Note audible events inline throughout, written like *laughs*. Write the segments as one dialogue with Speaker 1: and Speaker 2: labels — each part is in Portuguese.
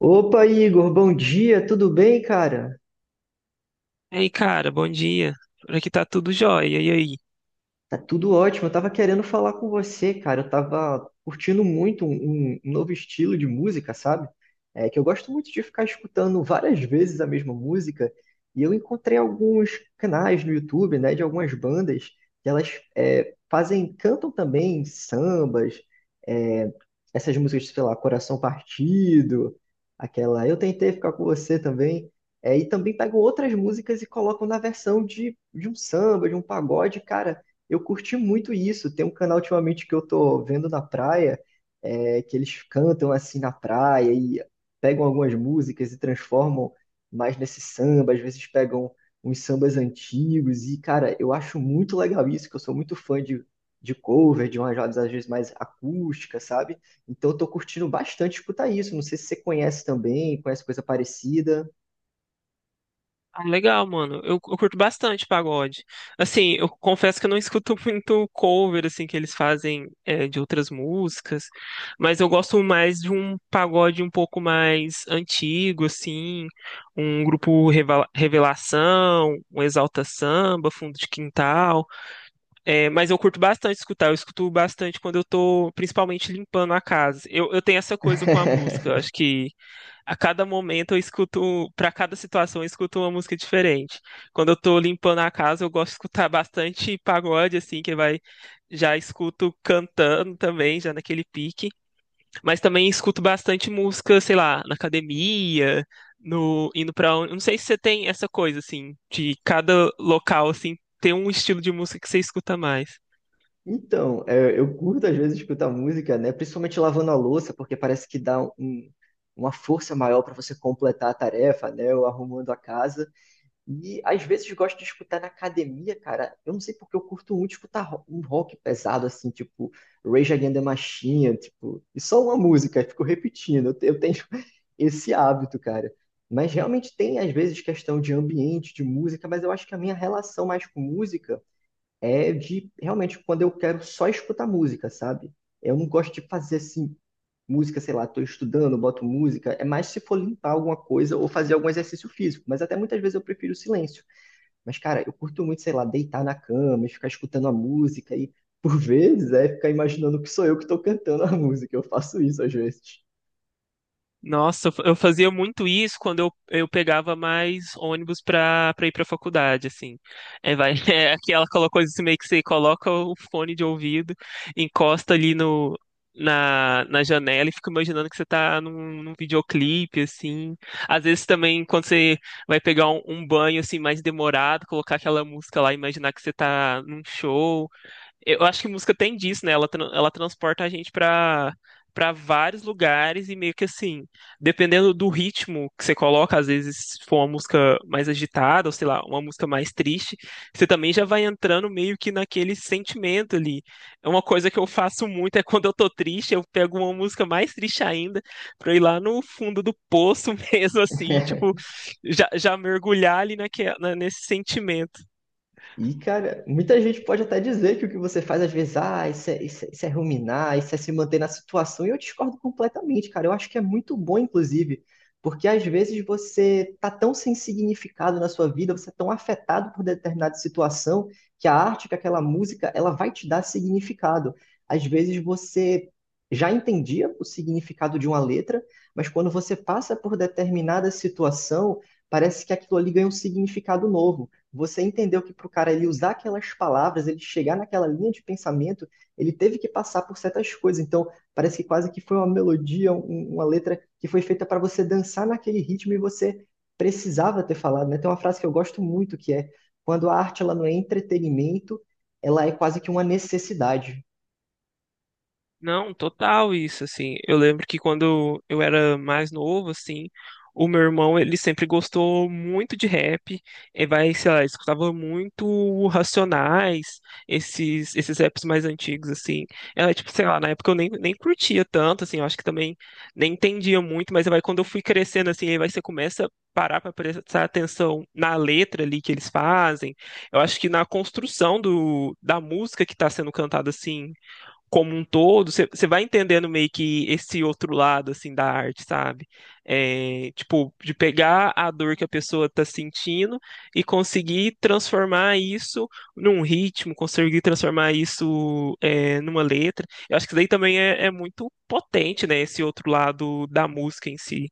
Speaker 1: Opa, Igor, bom dia, tudo bem, cara?
Speaker 2: Ei, cara, bom dia. Por aqui tá tudo jóia. E aí?
Speaker 1: Tá tudo ótimo. Eu tava querendo falar com você, cara. Eu tava curtindo muito um novo estilo de música, sabe? É que eu gosto muito de ficar escutando várias vezes a mesma música. E eu encontrei alguns canais no YouTube, né, de algumas bandas que elas fazem, cantam também sambas, é, essas músicas, sei lá, Coração Partido, aquela Eu Tentei Ficar Com Você também. É, e também pegam outras músicas e colocam na versão de um samba, de um pagode, cara. Eu curti muito isso. Tem um canal ultimamente que eu tô vendo na praia, que eles cantam assim na praia e pegam algumas músicas e transformam mais nesse samba, às vezes pegam uns sambas antigos. E, cara, eu acho muito legal isso, que eu sou muito fã de cover, de umas rodas às vezes mais acústica, sabe? Então eu tô curtindo bastante escutar isso. Não sei se você conhece também, conhece coisa parecida.
Speaker 2: Ah, legal, mano. Eu curto bastante pagode. Assim, eu confesso que eu não escuto *laughs* muito cover, assim, que eles fazem de outras músicas, mas eu gosto mais de um pagode um pouco mais antigo, assim, um grupo Revelação, um Exalta Samba, Fundo de Quintal. É, mas eu curto bastante escutar, eu escuto bastante quando eu tô, principalmente, limpando a casa. Eu tenho essa coisa com a música, eu
Speaker 1: *laughs*
Speaker 2: acho que. A cada momento eu escuto, para cada situação eu escuto uma música diferente. Quando eu tô limpando a casa, eu gosto de escutar bastante pagode, assim, que vai, já escuto cantando também, já naquele pique. Mas também escuto bastante música, sei lá, na academia, no, indo para não sei se você tem essa coisa, assim, de cada local, assim, tem um estilo de música que você escuta mais.
Speaker 1: Então, é, eu curto às vezes escutar música, né? Principalmente lavando a louça, porque parece que dá uma força maior para você completar a tarefa, né? Ou arrumando a casa. E às vezes gosto de escutar na academia, cara. Eu não sei porque eu curto muito escutar um rock pesado, assim, tipo Rage Against the Machine, tipo, e só uma música, eu fico repetindo. Eu tenho *laughs* esse hábito, cara. Mas realmente tem às vezes questão de ambiente, de música, mas eu acho que a minha relação mais com música é de realmente quando eu quero só escutar música, sabe? Eu não gosto de fazer assim, música, sei lá, tô estudando, boto música. É mais se for limpar alguma coisa ou fazer algum exercício físico. Mas até muitas vezes eu prefiro o silêncio. Mas, cara, eu curto muito, sei lá, deitar na cama e ficar escutando a música e. Por vezes é ficar imaginando que sou eu que estou cantando a *laughs* música, eu faço isso às vezes.
Speaker 2: Nossa, eu fazia muito isso quando eu pegava mais ônibus pra ir pra faculdade, assim. É, vai, *laughs* é aquela coisa assim, meio que você coloca o fone de ouvido, encosta ali no, na, na janela e fica imaginando que você tá num videoclipe, assim. Às vezes também, quando você vai pegar um banho, assim, mais demorado, colocar aquela música lá, e imaginar que você tá num show. Eu acho que música tem disso, né? Ela, ela transporta a gente pra para vários lugares e meio que assim, dependendo do ritmo que você coloca, às vezes se for uma música mais agitada, ou sei lá, uma música mais triste, você também já vai entrando meio que naquele sentimento ali. É uma coisa que eu faço muito, é quando eu tô triste, eu pego uma música mais triste ainda, pra eu ir lá no fundo do poço *laughs* mesmo, assim, tipo,
Speaker 1: *laughs*
Speaker 2: já mergulhar ali nesse sentimento.
Speaker 1: E, cara, muita gente pode até dizer que o que você faz às vezes, ah, isso é ruminar, isso é se manter na situação, e eu discordo completamente, cara. Eu acho que é muito bom, inclusive, porque às vezes você tá tão sem significado na sua vida, você é tão afetado por determinada situação, que a arte, que aquela música, ela vai te dar significado. Às vezes você já entendia o significado de uma letra, mas quando você passa por determinada situação, parece que aquilo ali ganha um significado novo. Você entendeu que para o cara ele usar aquelas palavras, ele chegar naquela linha de pensamento, ele teve que passar por certas coisas. Então, parece que quase que foi uma melodia, uma letra que foi feita para você dançar naquele ritmo e você precisava ter falado, né? Tem uma frase que eu gosto muito que é: quando a arte ela não é entretenimento, ela é quase que uma necessidade.
Speaker 2: Não, total isso, assim. Eu lembro que quando eu era mais novo, assim, o meu irmão, ele sempre gostou muito de rap. E vai, sei lá, escutava muito Racionais, esses raps mais antigos, assim. Era, tipo, sei lá, na época eu nem curtia tanto, assim, eu acho que também nem entendia muito, mas vai, quando eu fui crescendo, assim, aí vai, você começa a parar pra prestar atenção na letra ali que eles fazem. Eu acho que na construção da música que tá sendo cantada, assim, como um todo, você vai entendendo meio que esse outro lado, assim, da arte, sabe? É, tipo, de pegar a dor que a pessoa tá sentindo e conseguir transformar isso num ritmo, conseguir transformar isso, é, numa letra. Eu acho que isso daí também é muito potente, né? Esse outro lado da música em si.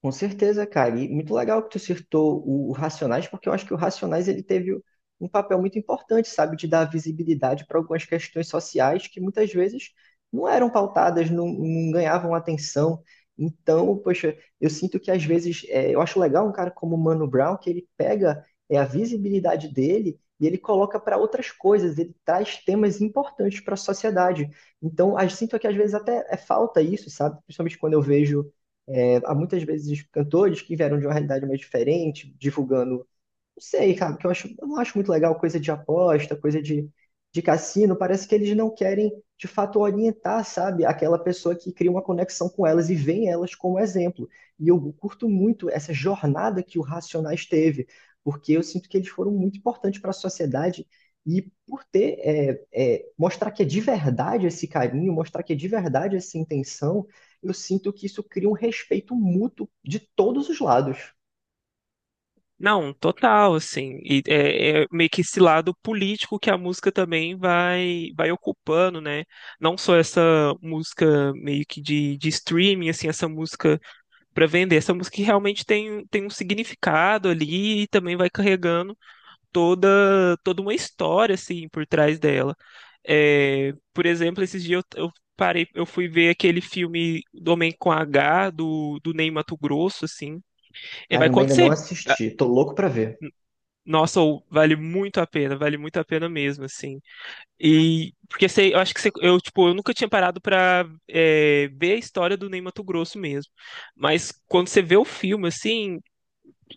Speaker 1: Com certeza, cara. E muito legal que tu citou o Racionais, porque eu acho que o Racionais ele teve um papel muito importante, sabe, de dar visibilidade para algumas questões sociais que muitas vezes não eram pautadas, não ganhavam atenção. Então, poxa, eu sinto que às vezes é, eu acho legal um cara como o Mano Brown que ele pega é, a visibilidade dele e ele coloca para outras coisas. Ele traz temas importantes para a sociedade. Então, eu sinto que às vezes até é falta isso, sabe? Principalmente quando eu vejo é, há muitas vezes cantores que vieram de uma realidade mais diferente, divulgando não sei, cara, porque eu acho, eu não acho muito legal coisa de aposta, coisa de cassino. Parece que eles não querem, de fato, orientar, sabe, aquela pessoa que cria uma conexão com elas e vê elas como exemplo. E eu curto muito essa jornada que o Racionais teve, porque eu sinto que eles foram muito importantes para a sociedade e por ter, mostrar que é de verdade esse carinho, mostrar que é de verdade essa intenção, eu sinto que isso cria um respeito mútuo de todos os lados.
Speaker 2: Não, total, assim, e é meio que esse lado político que a música também vai ocupando, né? Não só essa música meio que de streaming, assim, essa música para vender, essa música que realmente tem um significado ali e também vai carregando toda uma história, assim, por trás dela. É, por exemplo, esses dias eu parei, eu fui ver aquele filme do Homem com H, do Ney Matogrosso, assim, é, vai
Speaker 1: Caramba, ainda não
Speaker 2: acontecer.
Speaker 1: assisti. Tô louco pra ver.
Speaker 2: Nossa, ou vale muito a pena, vale muito a pena mesmo, assim. E porque sei, eu acho que eu tipo, eu nunca tinha parado pra é, ver a história do Ney Matogrosso mesmo. Mas quando você vê o filme, assim,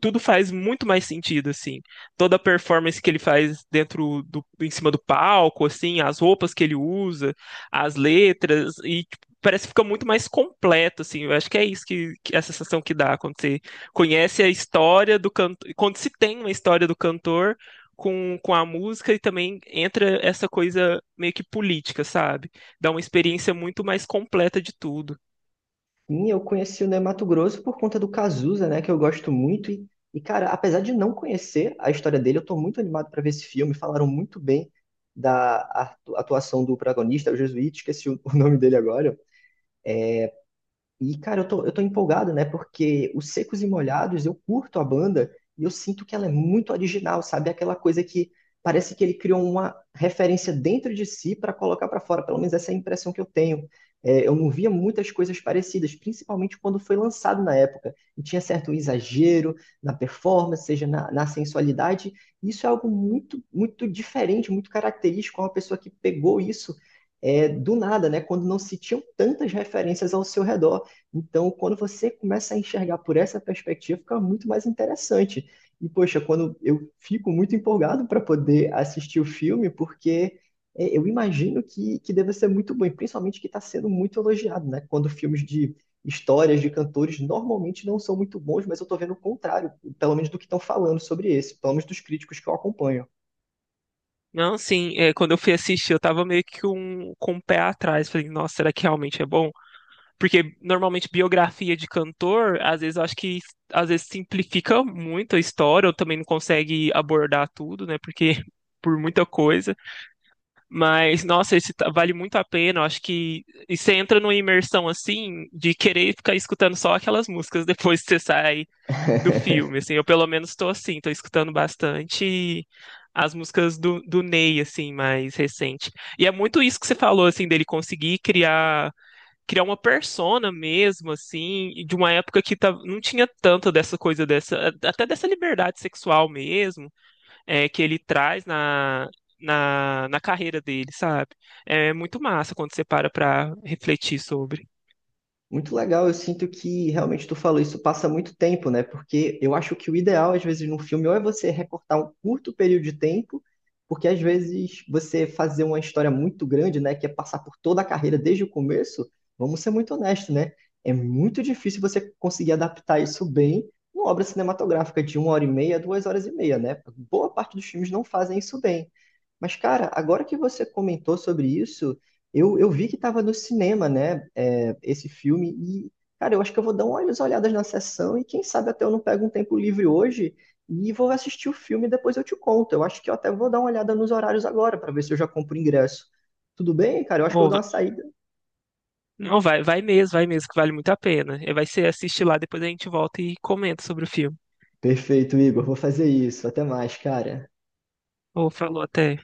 Speaker 2: tudo faz muito mais sentido, assim. Toda a performance que ele faz dentro do, em cima do palco, assim, as roupas que ele usa, as letras, e tipo, parece que fica muito mais completo, assim. Eu acho que é isso que é a sensação que dá quando você conhece a história do cantor, quando se tem uma história do cantor com a música e também entra essa coisa meio que política, sabe? Dá uma experiência muito mais completa de tudo.
Speaker 1: Sim, eu conheci o Ney Matogrosso por conta do Cazuza, né, que eu gosto muito. E, cara, apesar de não conhecer a história dele, eu tô muito animado para ver esse filme. Falaram muito bem da atuação do protagonista, o Jesuíta, esqueci o *laughs* o nome dele agora, e, cara, eu tô empolgado, né? Porque os Secos e Molhados, eu curto a banda e eu sinto que ela é muito original, sabe? Aquela coisa que parece que ele criou uma referência dentro de si para colocar para fora. Pelo menos essa é a impressão que eu tenho. É, eu não via muitas coisas parecidas, principalmente quando foi lançado na época. E tinha certo exagero na performance, seja na sensualidade. Isso é algo muito, muito diferente, muito característico. Uma pessoa que pegou isso é, do nada, né? Quando não se tinham tantas referências ao seu redor. Então, quando você começa a enxergar por essa perspectiva, fica muito mais interessante. E, poxa, quando eu fico muito empolgado para poder assistir o filme, porque é, eu imagino que deve ser muito bom, e principalmente que está sendo muito elogiado, né? Quando filmes de histórias de cantores normalmente não são muito bons, mas eu estou vendo o contrário, pelo menos do que estão falando sobre esse, pelo menos dos críticos que eu acompanho.
Speaker 2: Não, sim, é, quando eu fui assistir, eu tava meio que um, com o pé atrás. Falei, nossa, será que realmente é bom? Porque normalmente biografia de cantor, às vezes eu acho que às vezes simplifica muito a história, ou também não consegue abordar tudo, né? Porque *laughs* por muita coisa. Mas, nossa, vale muito a pena. Eu acho que e você entra numa imersão assim de querer ficar escutando só aquelas músicas depois que você sai do filme,
Speaker 1: *laughs*
Speaker 2: assim, eu pelo menos tô assim, tô escutando bastante as músicas do Ney, assim, mais recente. E é muito isso que você falou, assim, dele conseguir criar uma persona mesmo, assim, e de uma época que tá, não tinha tanto dessa coisa, dessa até dessa liberdade sexual mesmo, é, que ele traz na carreira dele, sabe? É muito massa quando você para pra refletir sobre.
Speaker 1: Muito legal, eu sinto que realmente tu falou isso passa muito tempo, né? Porque eu acho que o ideal, às vezes, num filme, ou é você recortar um curto período de tempo, porque às vezes você fazer uma história muito grande, né? Que é passar por toda a carreira desde o começo, vamos ser muito honestos, né? É muito difícil você conseguir adaptar isso bem numa obra cinematográfica de uma hora e meia, duas horas e meia, né? Boa parte dos filmes não fazem isso bem. Mas, cara, agora que você comentou sobre isso, eu vi que estava no cinema, né, é, esse filme, e, cara, eu acho que eu vou dar umas olhadas na sessão e quem sabe até eu não pego um tempo livre hoje e vou assistir o filme e depois eu te conto. Eu acho que eu até vou dar uma olhada nos horários agora para ver se eu já compro o ingresso. Tudo bem, cara? Eu acho que eu vou
Speaker 2: Ô,
Speaker 1: dar uma saída.
Speaker 2: não, vai, vai mesmo, que vale muito a pena. Eh, vai ser assistir lá, depois a gente volta e comenta sobre o filme.
Speaker 1: Perfeito, Igor. Vou fazer isso. Até mais, cara.
Speaker 2: Ou falou até.